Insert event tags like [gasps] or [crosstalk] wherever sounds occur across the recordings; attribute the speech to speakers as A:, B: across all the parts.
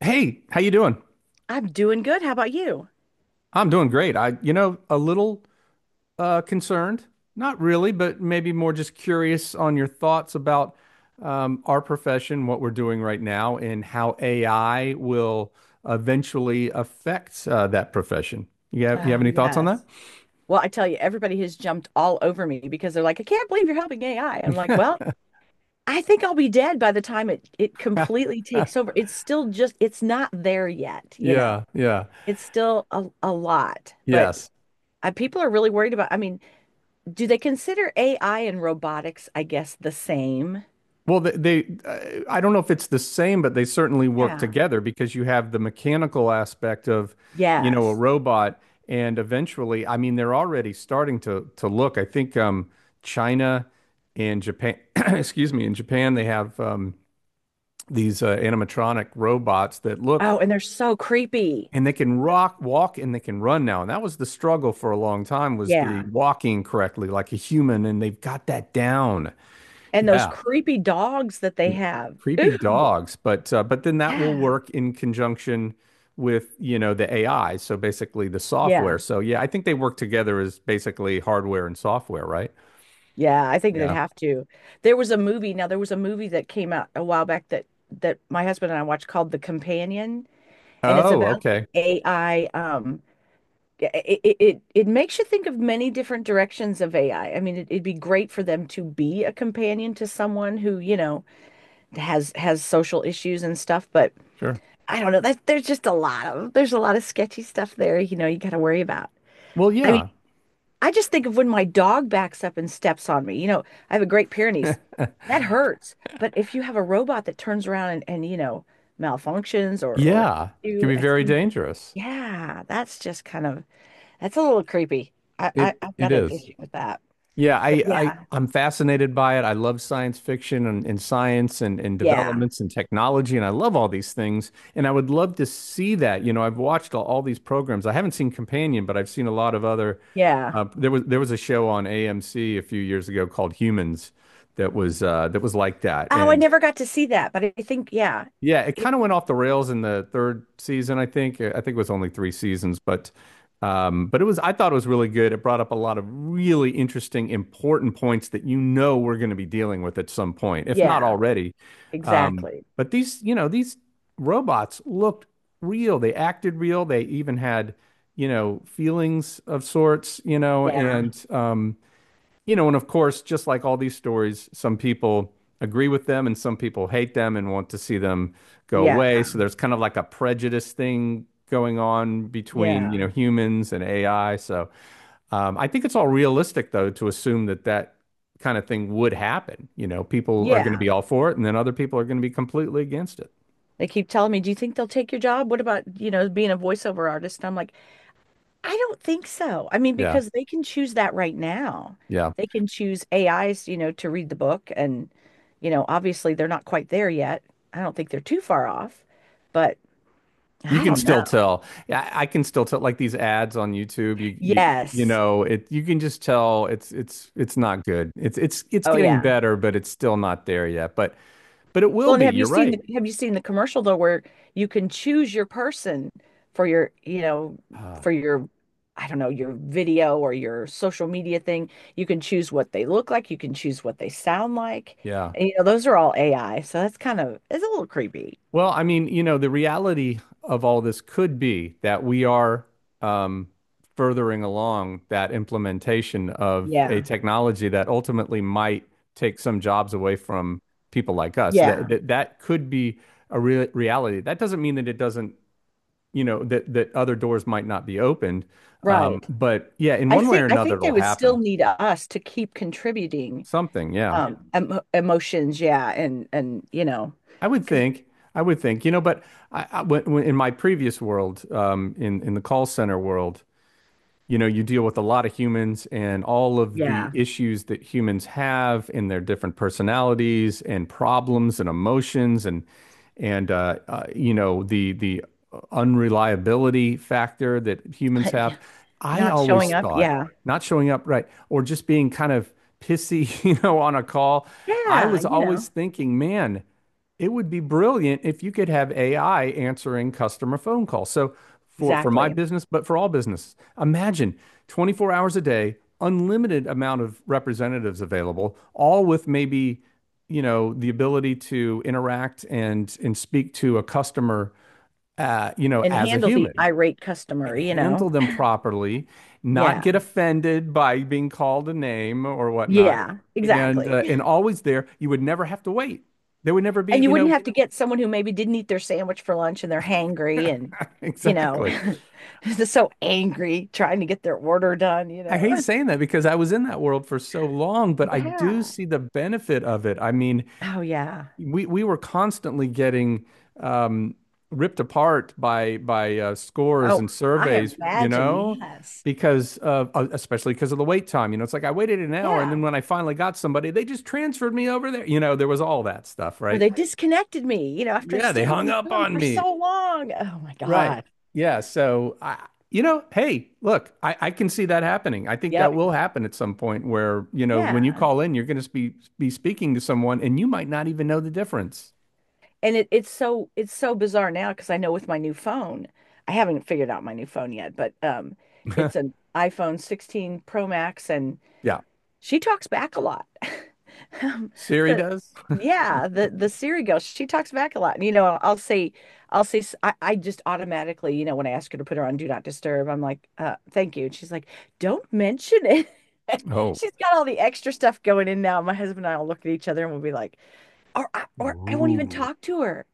A: Hey, how you doing?
B: I'm doing good. How about you?
A: I'm doing great. I, a little concerned. Not really, but maybe more just curious on your thoughts about our profession, what we're doing right now, and how AI will eventually affect that profession. You have
B: Oh,
A: any thoughts on that?
B: yes. Well, I tell you, everybody has jumped all over me because they're like, I can't believe you're helping AI. I'm like, well, I think I'll be dead by the time it completely takes over. It's still just, it's not there yet,
A: Yeah, yeah,
B: It's still a lot, but
A: yes.
B: people are really worried about, I mean, do they consider AI and robotics, I guess, the same?
A: Well, they I don't know if it's the same, but they certainly work
B: Yeah.
A: together because you have the mechanical aspect of, you know, a
B: Yes.
A: robot, and eventually, I mean, they're already starting to look. I think China and Japan, [clears throat] excuse me, in Japan they have these animatronic robots that look
B: Oh, and they're so creepy.
A: and they can rock, walk, and they can run now. And that was the struggle for a long time was the
B: Yeah.
A: walking correctly like a human, and they've got that down.
B: And those
A: Yeah.
B: creepy dogs that they have.
A: Creepy
B: Ooh.
A: dogs, but then that will
B: Yeah.
A: work in conjunction with, you know, the AI, so basically the software.
B: Yeah,
A: So yeah, I think they work together as basically hardware and software, right?
B: Yeah, I think they'd
A: Yeah.
B: have to. There was a movie, that came out a while back that my husband and I watched called The Companion, and it's
A: Oh,
B: about the
A: okay.
B: AI. Yeah, it makes you think of many different directions of AI. I mean, it, it'd be great for them to be a companion to someone who, you know, has social issues and stuff, but
A: Sure.
B: I don't know. That there's just a lot of there's a lot of sketchy stuff there, you know, you got to worry about.
A: Well,
B: I
A: yeah.
B: I just think of when my dog backs up and steps on me. You know, I have a Great Pyrenees.
A: [laughs]
B: That hurts. But if you have a robot that turns around and, you know, malfunctions or hits
A: Yeah, can
B: you,
A: be
B: it
A: very
B: seems,
A: dangerous.
B: yeah, that's just kind of that's a little creepy.
A: It
B: I've
A: it
B: got an
A: is.
B: issue with that.
A: Yeah,
B: But
A: I
B: yeah,
A: I'm fascinated by it. I love science fiction and science and
B: yeah,
A: developments and technology, and I love all these things. And I would love to see that. You know, I've watched all these programs. I haven't seen Companion, but I've seen a lot of other.
B: yeah.
A: There was a show on AMC a few years ago called Humans that was like that.
B: Oh, I
A: And
B: never got to see that, but I think yeah,
A: yeah, it
B: it,
A: kind of went off the rails in the third season, I think. I think it was only three seasons, but it was I thought it was really good. It brought up a lot of really interesting, important points that you know we're going to be dealing with at some point, if not
B: yeah,
A: already. Um,
B: exactly.
A: but these, you know, these robots looked real. They acted real. They even had, you know, feelings of sorts,
B: Yeah,
A: you know, and of course, just like all these stories, some people agree with them and some people hate them and want to see them go
B: yeah,
A: away. So there's kind of like a prejudice thing going on between, you
B: yeah,
A: know, humans and AI. So I think it's all realistic, though, to assume that kind of thing would happen. You know, people are going to be
B: yeah.
A: all for it and then other people are going to be completely against it.
B: They keep telling me, "Do you think they'll take your job? What about, you know, being a voiceover artist?" And I'm like, "I don't think so." I mean,
A: Yeah.
B: because they can choose that right now.
A: Yeah.
B: They can choose AIs, you know, to read the book and, you know, obviously they're not quite there yet. I don't think they're too far off, but
A: You
B: I
A: can
B: don't know.
A: still tell. Yeah, I can still tell like these ads on YouTube,
B: Yes.
A: it you can just tell it's not good. It's
B: Oh
A: getting
B: yeah.
A: better, but it's still not there yet. But it will
B: Well, and
A: be. You're right.
B: have you seen the commercial though where you can choose your person for your, you know,
A: Ah,
B: for your I don't know, your video or your social media thing. You can choose what they look like, you can choose what they sound like.
A: yeah.
B: And you know, those are all AI, so that's kind of it's a little creepy.
A: Well, I mean, you know, the reality of all this could be that we are um, furthering along that implementation of a
B: Yeah.
A: technology that ultimately might take some jobs away from people like us.
B: Yeah.
A: That could be a real reality. That doesn't mean that it doesn't, you know, that that other doors might not be opened.
B: Right.
A: But yeah, in
B: I
A: one way or
B: think I
A: another,
B: think they
A: it'll
B: would still
A: happen.
B: need us to keep contributing
A: Something, yeah.
B: emotions, yeah, and you know,
A: I would
B: 'cause
A: think. I would think, you know, but in my previous world, in the call center world, you know you deal with a lot of humans and all of the
B: yeah,
A: issues that humans have in their different personalities and problems and emotions and you know the unreliability factor that humans
B: [laughs] yeah,
A: have. I
B: not
A: always
B: showing up,
A: thought
B: yeah.
A: not showing up right or just being kind of pissy [laughs] you know on a call. I
B: Yeah,
A: was
B: you know,
A: always thinking, man, it would be brilliant if you could have AI answering customer phone calls, so for my
B: exactly.
A: business but for all businesses. Imagine 24 hours a day, unlimited amount of representatives available, all with maybe, you know, the ability to interact and speak to a customer, you know,
B: And
A: as a
B: handle the
A: human
B: irate customer,
A: and
B: you know.
A: handle them properly, not
B: Yeah,
A: get offended by being called a name or whatnot,
B: yeah, exactly.
A: and always there. You would never have to wait. There would never be,
B: And you
A: you
B: wouldn't
A: know,
B: have to get someone who maybe didn't eat their sandwich for lunch and they're hangry and,
A: [laughs]
B: you know,
A: exactly.
B: [laughs] they're so angry trying to get their order done, you
A: I hate
B: know.
A: saying that because I was in that world for so long, but I do
B: Yeah.
A: see the benefit of it. I mean,
B: Oh, yeah.
A: we were constantly getting um, ripped apart by scores
B: Oh,
A: and
B: I
A: surveys, you
B: imagine.
A: know,
B: Yes.
A: because of especially because of the wait time. You know, it's like I waited an hour, and then
B: Yeah.
A: when I finally got somebody, they just transferred me over there. You know, there was all that stuff,
B: Or
A: right?
B: they disconnected me, you know, after I
A: Yeah, they
B: stayed
A: hung
B: on the
A: up
B: phone
A: on
B: for
A: me,
B: so long. Oh, my
A: right?
B: God.
A: Yeah, so I. You know, hey, look, I can see that happening. I think
B: Yep.
A: that will happen at some point where, you know, when you
B: Yeah.
A: call in, you're going to be speaking to someone and you might not even know the difference.
B: And it's so it's so bizarre now because I know with my new phone, I haven't figured out my new phone yet, but it's
A: [laughs]
B: an iPhone 16 Pro Max, and
A: Yeah.
B: she talks back a lot. [laughs] Um,
A: Siri
B: the
A: does? [laughs]
B: yeah, the Siri girl, she talks back a lot, and you know, I'll say, s- I just automatically, you know, when I ask her to put her on Do Not Disturb, I'm like, thank you, and she's like, don't mention it. [laughs]
A: Oh,
B: She's got all the extra stuff going in now. My husband and I will look at each other and we'll be like, or I won't even
A: Ooh.
B: talk to her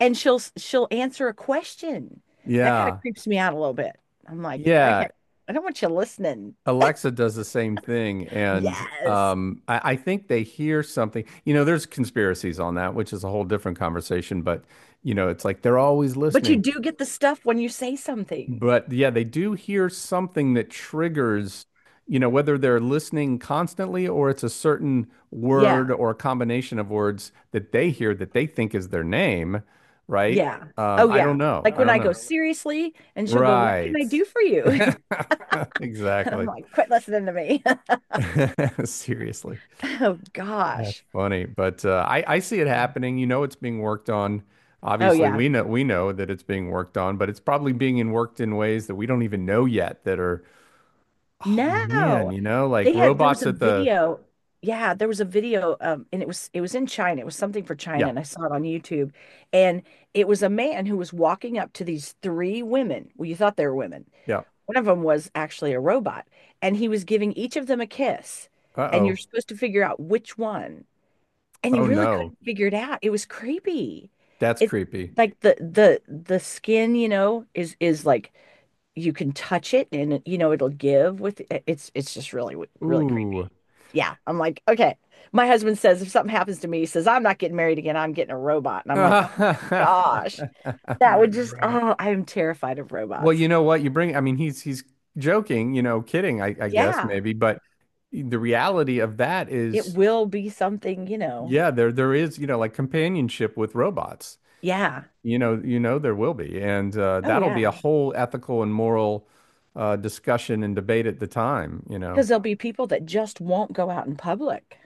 B: and she'll answer a question. That kind of
A: Yeah.
B: creeps me out a little bit. I'm like, okay,
A: Yeah.
B: I don't want you listening.
A: Alexa does the same thing. And
B: Yes,
A: I think they hear something. You know, there's conspiracies on that, which is a whole different conversation. But, you know, it's like they're always
B: but you
A: listening.
B: do get the stuff when you say something.
A: But yeah, they do hear something that triggers, you know, whether they're listening constantly or it's a certain
B: Yeah,
A: word or a combination of words that they hear that they think is their name, right?
B: yeah. Oh
A: I don't
B: yeah.
A: know.
B: Like
A: I
B: when
A: don't
B: I go
A: know.
B: seriously, and she'll go, "What can
A: Right.
B: I do
A: [laughs]
B: for you?" [laughs] And I'm
A: Exactly.
B: like, "Quit listening to me." [laughs]
A: [laughs] Seriously.
B: Oh
A: That's
B: gosh.
A: funny. But I see it
B: Yeah.
A: happening. You know it's being worked on.
B: Oh
A: Obviously,
B: yeah.
A: we know that it's being worked on, but it's probably being in worked in ways that we don't even know yet that are, oh man,
B: No.
A: you know, like
B: They had there was
A: robots
B: a
A: at the
B: video. Yeah, there was a video, and it was in China. It was something for China
A: yeah,
B: and I saw it on YouTube. And it was a man who was walking up to these three women. Well, you thought they were women.
A: yeah.
B: One of them was actually a robot and he was giving each of them a kiss and you're
A: Uh-oh.
B: supposed to figure out which one. And you
A: Oh
B: really
A: no.
B: couldn't figure it out. It was creepy.
A: That's
B: It's
A: creepy.
B: like the skin, you know, is like you can touch it and you know it'll give with it's just really creepy.
A: Ooh.
B: Yeah, I'm like, okay. My husband says if something happens to me, he says I'm not getting married again. I'm getting a robot, and I'm like, oh my
A: [laughs]
B: gosh, that
A: Yeah,
B: would
A: no
B: just
A: robot.
B: oh, I am terrified of
A: Well, you
B: robots.
A: know what? You bring, I mean, he's joking, you know, kidding, I guess
B: Yeah,
A: maybe, but the reality of that
B: it
A: is,
B: will be something, you know.
A: yeah, there is, you know, like companionship with robots.
B: Yeah.
A: You know there will be, and
B: Oh
A: that'll be a
B: yeah,
A: whole ethical and moral discussion and debate at the time. You know,
B: because there'll be people that just won't go out in public.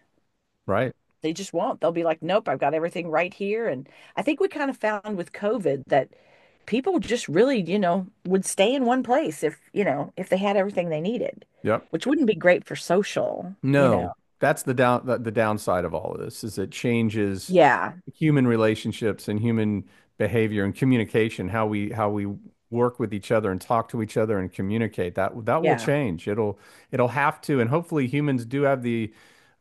A: right?
B: They just won't. They'll be like, nope, I've got everything right here. And I think we kind of found with COVID that people just really, you know, would stay in one place if, you know, if they had everything they needed,
A: Yep.
B: which wouldn't be great for social, you know.
A: No, that's the downside of all of this is it changes
B: Yeah.
A: human relationships and human behavior and communication, how we work with each other and talk to each other and communicate. That will
B: Yeah.
A: change. It'll it'll have to, and hopefully humans do have the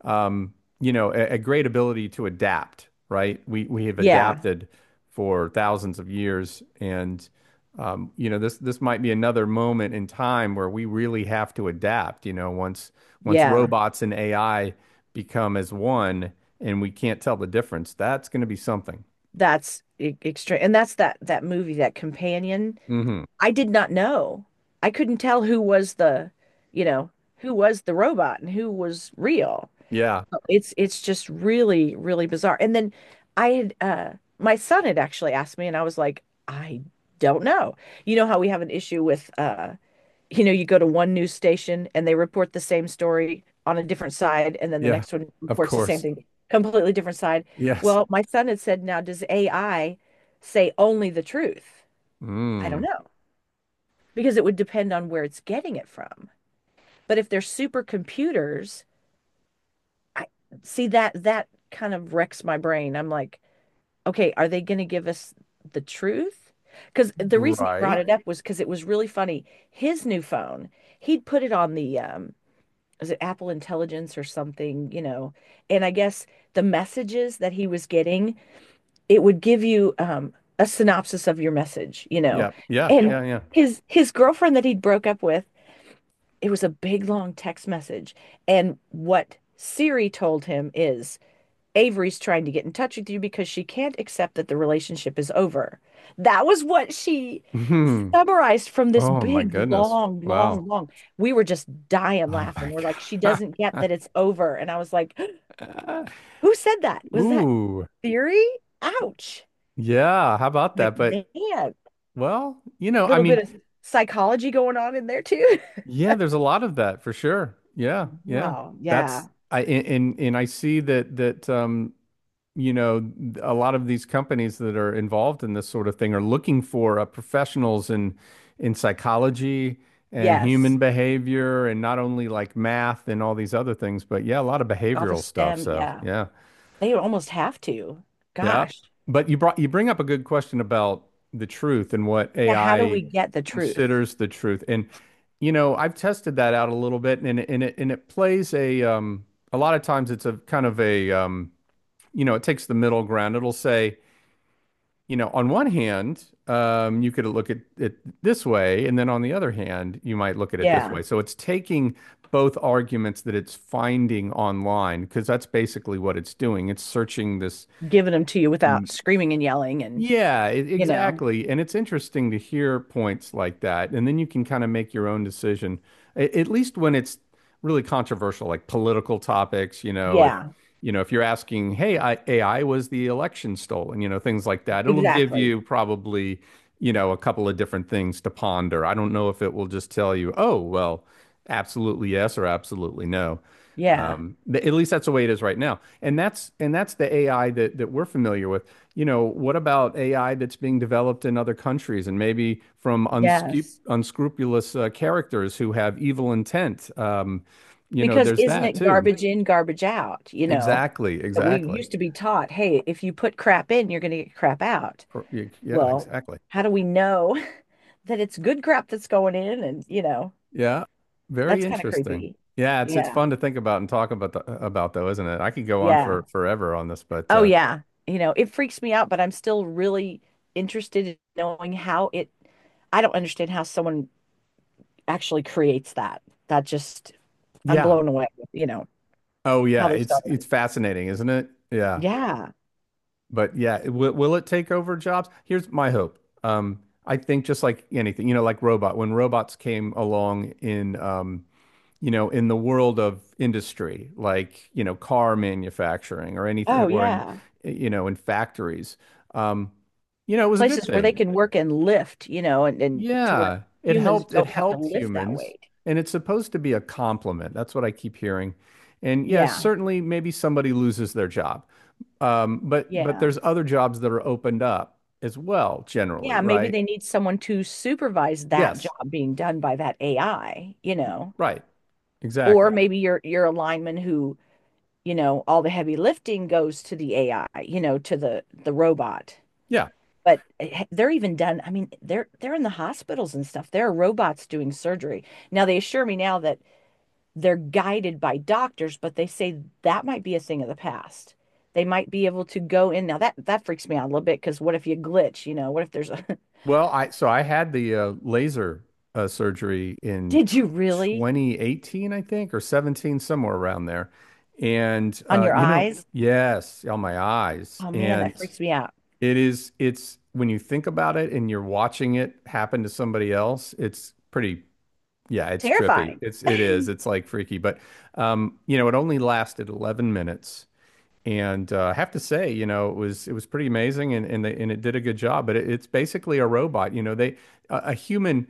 A: um, you know, a great ability to adapt, right? We have
B: Yeah.
A: adapted for thousands of years and you know, this might be another moment in time where we really have to adapt, you know, once
B: Yeah.
A: robots and AI become as one, and we can't tell the difference, that's going to be something.
B: That's extreme. And that's that movie, that companion.
A: Mm-hmm.
B: I did not know. I couldn't tell who was the, you know, who was the robot and who was real.
A: Yeah.
B: It's just really, really bizarre. And then I had, my son had actually asked me and I was like, I don't know. You know how we have an issue with you know you go to one news station and they report the same story on a different side and then the
A: Yeah.
B: next one
A: Of
B: reports the same
A: course.
B: thing, completely different side.
A: Yes.
B: Well, my son had said, now does AI say only the truth? I don't
A: Mm.
B: know because it would depend on where it's getting it from. But if they're supercomputers, I see that that kind of wrecks my brain. I'm like, okay, are they going to give us the truth? Because the reason he brought
A: Right.
B: it up was because it was really funny. His new phone, he'd put it on the, was it Apple Intelligence or something, you know? And I guess the messages that he was getting, it would give you a synopsis of your message, you know?
A: Yeah. Yeah.
B: And
A: Yeah.
B: yeah,
A: Yeah.
B: his girlfriend that he'd broke up with, it was a big long text message. And what Siri told him is, Avery's trying to get in touch with you because she can't accept that the relationship is over. That was what she
A: Hmm.
B: summarized from this
A: Oh my
B: big,
A: goodness.
B: long,
A: Wow.
B: long. We were just dying
A: Oh
B: laughing.
A: my
B: We're like, she doesn't get that it's over. And I was like, [gasps]
A: God.
B: who said that? Was that
A: [laughs] Ooh.
B: theory? Ouch.
A: Yeah. How about
B: Like,
A: that? But
B: man, a
A: well, you know, I
B: little bit
A: mean,
B: of psychology going on in there too. [laughs]
A: yeah, there's a lot of that for sure. Yeah. Yeah.
B: No,
A: That's
B: yeah.
A: I and I see that you know, a lot of these companies that are involved in this sort of thing are looking for professionals in psychology and human
B: Yes.
A: behavior and not only like math and all these other things, but yeah, a lot of
B: All the
A: behavioral stuff.
B: STEM.
A: So
B: Yeah.
A: yeah,
B: They almost have to.
A: yeah.
B: Gosh.
A: But you bring up a good question about the truth and what
B: Yeah. How do
A: AI
B: we get the truth?
A: considers the truth. And you know, I've tested that out a little bit, and it- and it and it plays a lot of times it's a kind of a you know it takes the middle ground. It'll say, you know, on one hand, you could look at it this way, and then on the other hand, you might look at it this
B: Yeah,
A: way. So it's taking both arguments that it's finding online, because that's basically what it's doing. It's searching this
B: giving them to you without screaming and yelling and
A: yeah,
B: you know.
A: exactly. And it's interesting to hear points like that. And then you can kind of make your own decision, at least when it's really controversial, like political topics,
B: Yeah,
A: you know, if you're asking, hey, AI was the election stolen, you know, things like that, it'll give
B: exactly.
A: you probably, you know, a couple of different things to ponder. I don't know if it will just tell you, oh, well, absolutely yes or absolutely no.
B: Yeah.
A: At least that's the way it is right now. And that's the AI that we're familiar with. You know, what about AI that's being developed in other countries and maybe from
B: Yes,
A: unscrupulous characters who have evil intent? You know,
B: because
A: there's
B: isn't
A: that
B: it
A: too.
B: garbage in garbage out, you know,
A: Exactly,
B: that we
A: exactly.
B: used to be taught, hey, if you put crap in, you're going to get crap out.
A: Yeah,
B: Well,
A: exactly.
B: how do we know [laughs] that it's good crap that's going in, and you know,
A: Yeah, very
B: that's kind of
A: interesting.
B: creepy.
A: Yeah, it's
B: Yeah.
A: fun to think about and talk about about though, isn't it? I could go on
B: Yeah.
A: for forever on this, but
B: Oh yeah, you know it freaks me out but I'm still really interested in knowing how it I don't understand how someone actually creates that. That just I'm
A: yeah.
B: blown away with, you know,
A: Oh yeah,
B: how they
A: it's
B: started.
A: fascinating, isn't it? Yeah.
B: Yeah.
A: But yeah, will it take over jobs? Here's my hope. I think just like anything, you know, when robots came along in, you know, in the world of industry, like, you know, car manufacturing or anything,
B: Oh
A: or in,
B: yeah.
A: you know, in factories, um, you know, it was a good
B: Places where they
A: thing.
B: can work and lift, you know, and, to where
A: Yeah, it
B: humans
A: helped. It
B: don't have to
A: helped
B: lift that
A: humans,
B: weight.
A: and it's supposed to be a compliment. That's what I keep hearing. And yes,
B: Yeah.
A: certainly, maybe somebody loses their job. But
B: Yeah.
A: there's other jobs that are opened up as well,
B: Yeah.
A: generally,
B: Maybe
A: right?
B: they need someone to supervise that
A: Yes,
B: job being done by that AI, you know.
A: right, exactly.
B: Or maybe you're a lineman who, you know, all the heavy lifting goes to the AI, you know, to the robot.
A: Yeah.
B: But eh, they're even done. I mean, they're in the hospitals and stuff. There are robots doing surgery. Now they assure me now that they're guided by doctors, but they say that might be a thing of the past. They might be able to go in. Now that freaks me out a little bit because what if you glitch? You know, what if there's a [laughs]
A: Well, I had the laser surgery in
B: did
A: t
B: you really
A: 2018, I think, or 17, somewhere around there. And
B: on your
A: you know,
B: eyes?
A: yes, on my eyes.
B: Oh man,
A: And
B: that freaks me out.
A: it is it's when you think about it and you're watching it happen to somebody else, it's pretty Yeah, it's trippy.
B: Terrifying.
A: It's it is.
B: [laughs]
A: It's like freaky, but you know, it only lasted 11 minutes. And I have to say, you know, it was pretty amazing, and it did a good job. But it, it's basically a robot. You know, they a human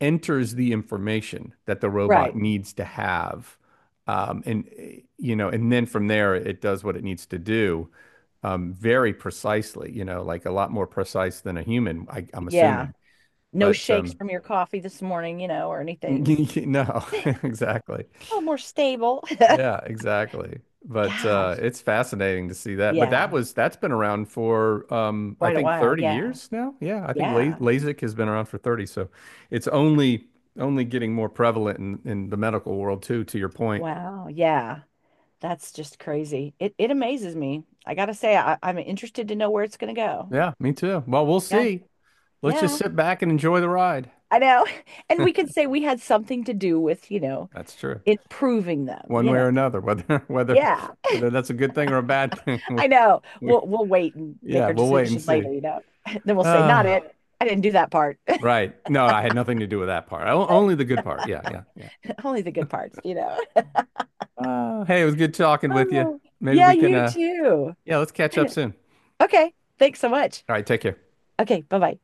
A: enters the information that the robot
B: Right.
A: needs to have, you know, and then from there it does what it needs to do, very precisely. You know, like a lot more precise than a human, I'm
B: Yeah.
A: assuming.
B: No
A: But
B: shakes from your coffee this morning, you know, or anything.
A: [laughs] no, [laughs] exactly.
B: A little more stable.
A: Yeah, exactly.
B: [laughs]
A: But
B: Gosh.
A: it's fascinating to see that. But
B: Yeah.
A: that's been around for I
B: Quite a
A: think
B: while.
A: 30
B: Yeah.
A: years now. Yeah, I think La
B: Yeah.
A: LASIK has been around for 30. So it's only only getting more prevalent in the medical world too, to your point.
B: Wow. Yeah. That's just crazy. It amazes me. I gotta say, I'm interested to know where it's gonna go.
A: Yeah, me too. Well, we'll
B: Yeah.
A: see. Let's just
B: Yeah.
A: sit back and enjoy the ride.
B: I know. [laughs] And we could say we had something to do with, you know,
A: That's true.
B: improving them,
A: One
B: you
A: way
B: know.
A: or another, whether [laughs] whether
B: Yeah.
A: whether that's a good thing or a bad thing. [laughs] We,
B: I know.
A: we,
B: We'll wait and make
A: yeah,
B: our
A: we'll wait and
B: decision
A: see.
B: later,
A: [sighs]
B: you know. [laughs] Then we'll say, not
A: Uh,
B: it. I didn't do that part.
A: right. No, I had nothing to do with that part. Only the good part. Yeah, yeah. Yeah.
B: [laughs] Only the good parts, you know. [laughs]
A: Hey, it was good talking with you.
B: Oh,
A: Maybe
B: yeah,
A: we can,
B: you too.
A: yeah, let's catch up
B: [laughs]
A: soon.
B: Okay. Thanks so much.
A: All right, take care.
B: Okay, bye-bye.